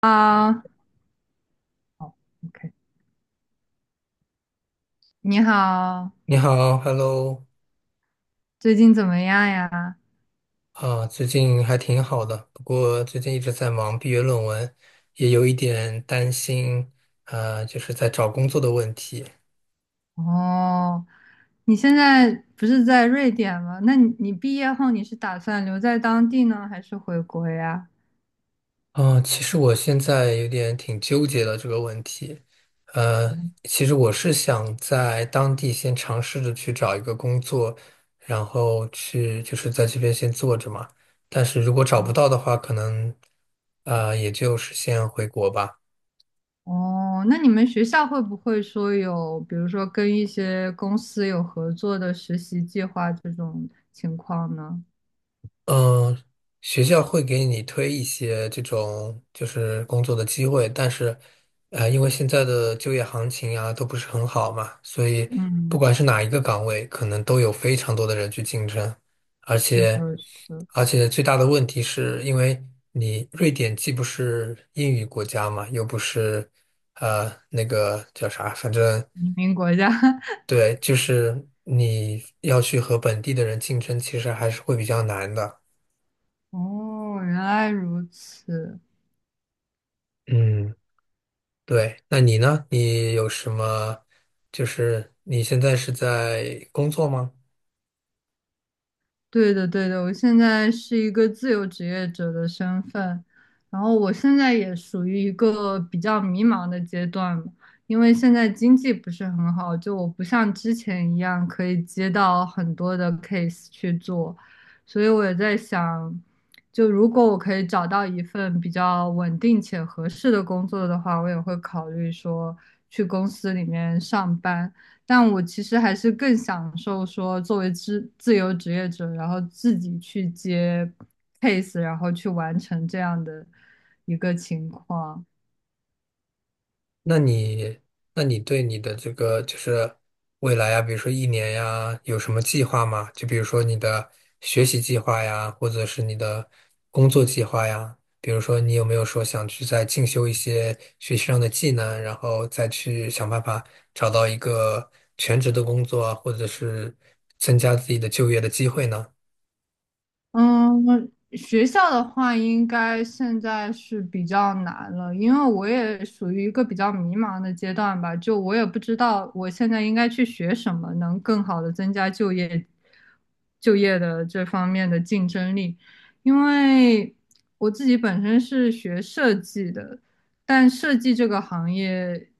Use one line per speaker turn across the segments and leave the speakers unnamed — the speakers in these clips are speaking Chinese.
啊，好 OK，你好，
你好，Hello。
最近怎么样呀？
啊，最近还挺好的，不过最近一直在忙毕业论文，也有一点担心，就是在找工作的问题。
哦，你现在不是在瑞典吗？那你毕业后你是打算留在当地呢，还是回国呀？
啊，其实我现在有点挺纠结的这个问题。呃，
嗯。
其实我是想在当地先尝试着去找一个工作，然后去就是在这边先做着嘛，但是如果找不到的话，可能，也就是先回国吧。
哦，那你们学校会不会说有，比如说跟一些公司有合作的实习计划这种情况呢？
嗯，学校会给你推一些这种就是工作的机会，但是，因为现在的就业行情啊都不是很好嘛，所以不
嗯，
管是哪一个岗位，可能都有非常多的人去竞争，而
是的，
且，
是的，
而且最大的问题是因为你瑞典既不是英语国家嘛，又不是，那个叫啥，反正
移民国家。
对，就是你要去和本地的人竞争，其实还是会比较难的。
哦，原来如此。
嗯。对，那你呢？你有什么？就是你现在是在工作吗？
对的，对的，我现在是一个自由职业者的身份，然后我现在也属于一个比较迷茫的阶段嘛。因为现在经济不是很好，就我不像之前一样可以接到很多的 case 去做，所以我也在想，就如果我可以找到一份比较稳定且合适的工作的话，我也会考虑说去公司里面上班。但我其实还是更享受说作为自由职业者，然后自己去接 case，然后去完成这样的一个情况。
那你，那你对你的这个就是未来呀，比如说一年呀，有什么计划吗？就比如说你的学习计划呀，或者是你的工作计划呀。比如说，你有没有说想去再进修一些学习上的技能，然后再去想办法找到一个全职的工作啊，或者是增加自己的就业的机会呢？
嗯，学校的话，应该现在是比较难了，因为我也属于一个比较迷茫的阶段吧，就我也不知道我现在应该去学什么，能更好的增加就业的这方面的竞争力，因为我自己本身是学设计的，但设计这个行业，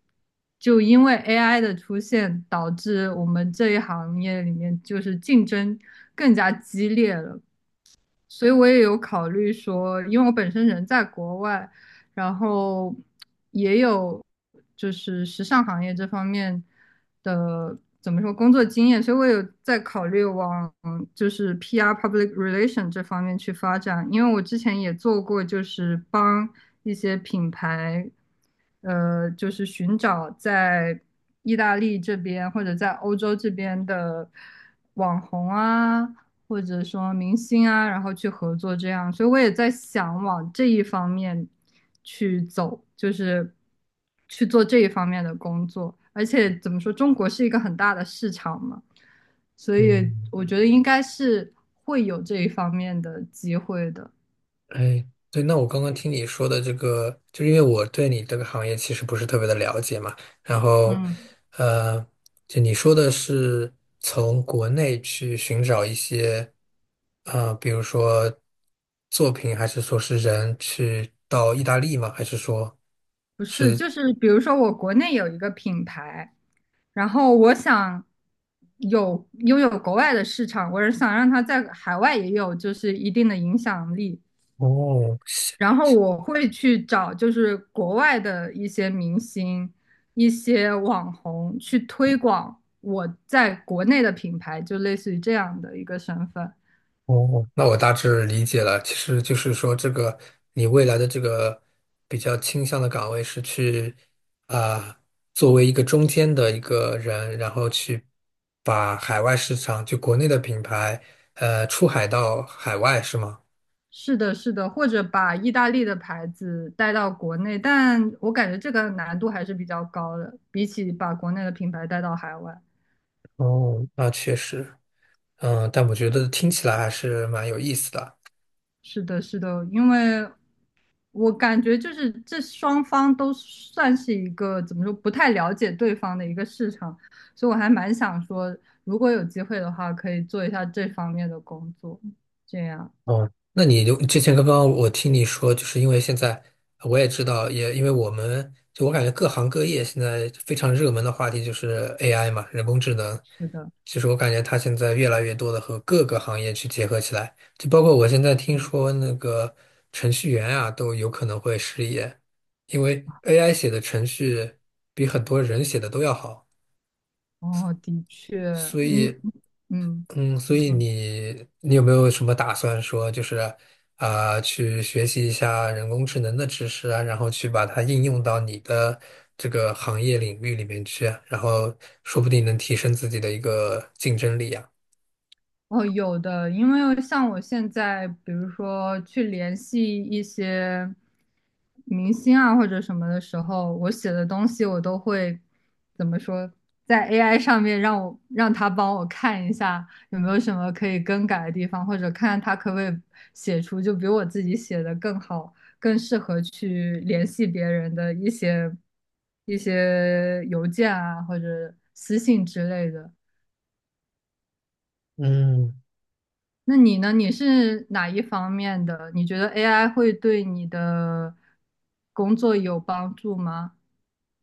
就因为 AI 的出现，导致我们这一行业里面就是竞争更加激烈了。所以我也有考虑说，因为我本身人在国外，然后也有就是时尚行业这方面的怎么说工作经验，所以我有在考虑往就是 PR public relation 这方面去发展，因为我之前也做过，就是帮一些品牌，就是寻找在意大利这边或者在欧洲这边的网红啊。或者说明星啊，然后去合作这样，所以我也在想往这一方面去走，就是去做这一方面的工作。而且怎么说，中国是一个很大的市场嘛，所以
嗯。
我觉得应该是会有这一方面的机会的。
哎，对，那我刚刚听你说的这个，就是因为我对你这个行业其实不是特别的了解嘛，然后，
嗯，
呃，就你说的是从国内去寻找一些，啊，比如说作品，还是说是人去到意大利吗？还是说
不是，
是？
就是比如说我国内有一个品牌，然后我想有拥有国外的市场，我是想让它在海外也有就是一定的影响力。
哦，
然后我会去找就是国外的一些明星、一些网红去推广我在国内的品牌，就类似于这样的一个身份。
哦，那我大致理解了。其实就是说，这个你未来的这个比较倾向的岗位是去啊、作为一个中间的一个人，然后去把海外市场，就国内的品牌，出海到海外，是吗？
是的，是的，或者把意大利的牌子带到国内，但我感觉这个难度还是比较高的，比起把国内的品牌带到海外。
哦，那确实，嗯，但我觉得听起来还是蛮有意思的。
是的，是的，因为我感觉就是这双方都算是一个怎么说不太了解对方的一个市场，所以我还蛮想说，如果有机会的话，可以做一下这方面的工作。这样，
哦，那你就之前刚刚我听你说，就是因为现在我也知道，也因为我们就我感觉各行各业现在非常热门的话题就是 AI 嘛，人工智能。
是的，
其实我感觉它现在越来越多的和各个行业去结合起来，就包括我现在听
嗯，
说那个程序员啊都有可能会失业，因为 AI 写的程序比很多人写的都要好，
哦，的确，
所
你，
以。
嗯，
嗯，所
你
以
说。
你有没有什么打算说，就是啊、去学习一下人工智能的知识啊，然后去把它应用到你的这个行业领域里面去啊然后说不定能提升自己的一个竞争力啊。
哦，有的，因为像我现在，比如说去联系一些明星啊或者什么的时候，我写的东西我都会怎么说，在 AI 上面让他帮我看一下有没有什么可以更改的地方，或者看他可不可以写出就比我自己写的更好、更适合去联系别人的一些邮件啊或者私信之类的。
嗯。
那你呢？你是哪一方面的？你觉得 AI 会对你的工作有帮助吗？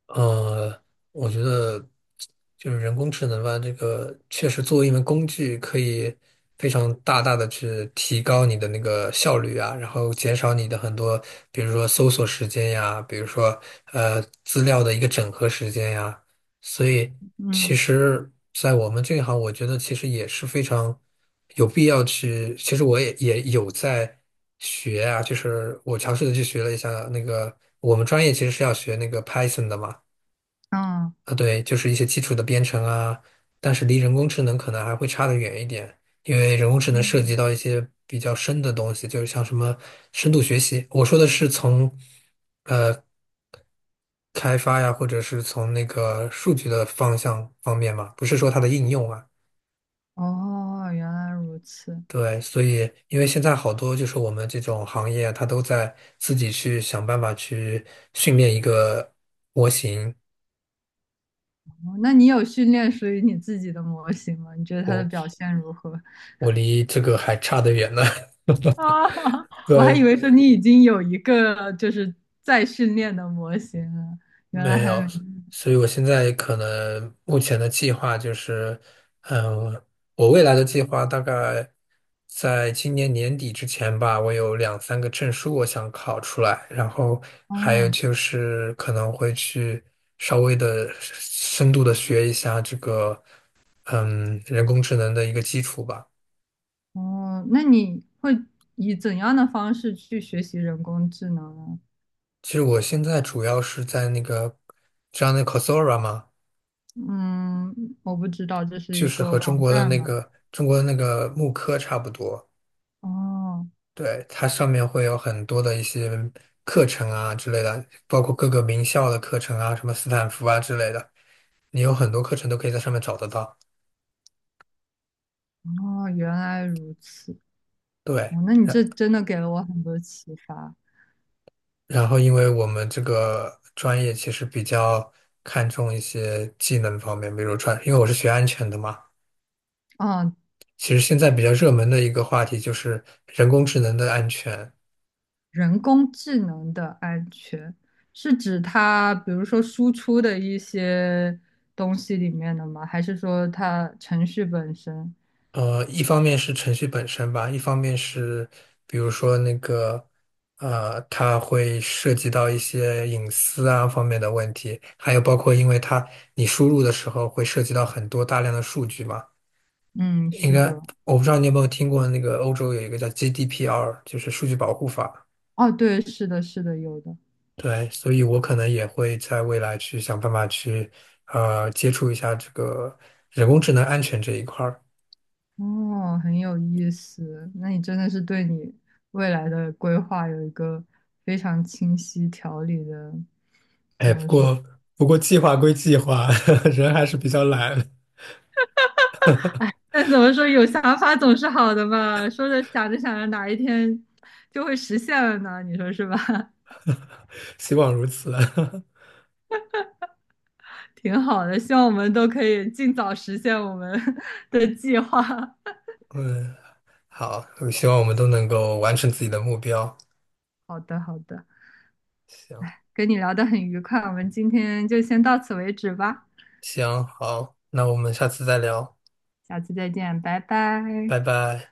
呃，我觉得就是人工智能吧，这个确实作为一门工具，可以非常大大的去提高你的那个效率啊，然后减少你的很多，比如说搜索时间呀，比如说资料的一个整合时间呀，所以其
嗯。
实，在我们这一行，我觉得其实也是非常有必要去，其实我也有在。学啊，就是我尝试的去学了一下那个，我们专业其实是要学那个 Python 的嘛，
嗯。
啊，对，就是一些基础的编程啊，但是离人工智能可能还会差得远一点，因为人工智能涉及
嗯。
到一些比较深的东西，就是像什么深度学习。我说的是从开发呀，或者是从那个数据的方向方面嘛，不是说它的应用啊。
哦，原来如此。
对，所以因为现在好多就是我们这种行业啊，它都在自己去想办法去训练一个模型，
哦，那你有训练属于你自己的模型吗？你觉得它的表
我
现如何？
我离这个还差得远呢。
啊，我还
对。
以为说你已经有一个就是在训练的模型了，原来
没
还
有，
没。
所以我现在可能目前的计划就是，嗯，我未来的计划大概在今年年底之前吧，我有两三个证书我想考出来，然后还有
哦
就是可能会去稍微的深度的学一下这个，嗯，人工智能的一个基础吧。
哦，那你会以怎样的方式去学习人工智能呢？
其实我现在主要是在那个，知道那 Coursera 吗？
嗯，我不知道这是
就
一
是
个
和中
网
国的
站
那
吗？
个中国的那个慕课差不多。
哦
对，它上面会有很多的一些课程啊之类的，包括各个名校的课程啊，什么斯坦福啊之类的，你有很多课程都可以在上面找得到。
哦，原来如此。
对，
哦，那你这
然
真的给了我很多启发。
然后因为我们这个专业其实比较看重一些技能方面，比如传，因为我是学安全的嘛，
哦，
其实现在比较热门的一个话题就是人工智能的安全。
人工智能的安全是指它，比如说输出的一些东西里面的吗？还是说它程序本身？
一方面是程序本身吧，一方面是比如说那个，它会涉及到一些隐私啊方面的问题，还有包括因为它你输入的时候会涉及到很多大量的数据嘛。
嗯，
应
是
该
的。
我不知道你有没有听过那个欧洲有一个叫 GDPR，就是数据保护法。
哦，对，是的，是的，有的。
对，所以我可能也会在未来去想办法去，接触一下这个人工智能安全这一块儿。
哦，很有意思。那你真的是对你未来的规划有一个非常清晰条理的，
哎，
怎
不
么说？
过不过计划归计划，人还是比较懒，
但怎么说，有想法总是好的吧？说着想着想着，哪一天就会实现了呢？你说是吧？
希望如此。
挺好的，希望我们都可以尽早实现我们 的计划。
嗯，好，我希望我们都能够完成自己的目标。
好的，好的，
行，
跟你聊得很愉快，我们今天就先到此为止吧，
行，好，那我们下次再聊，
下次再见，拜拜。
拜拜。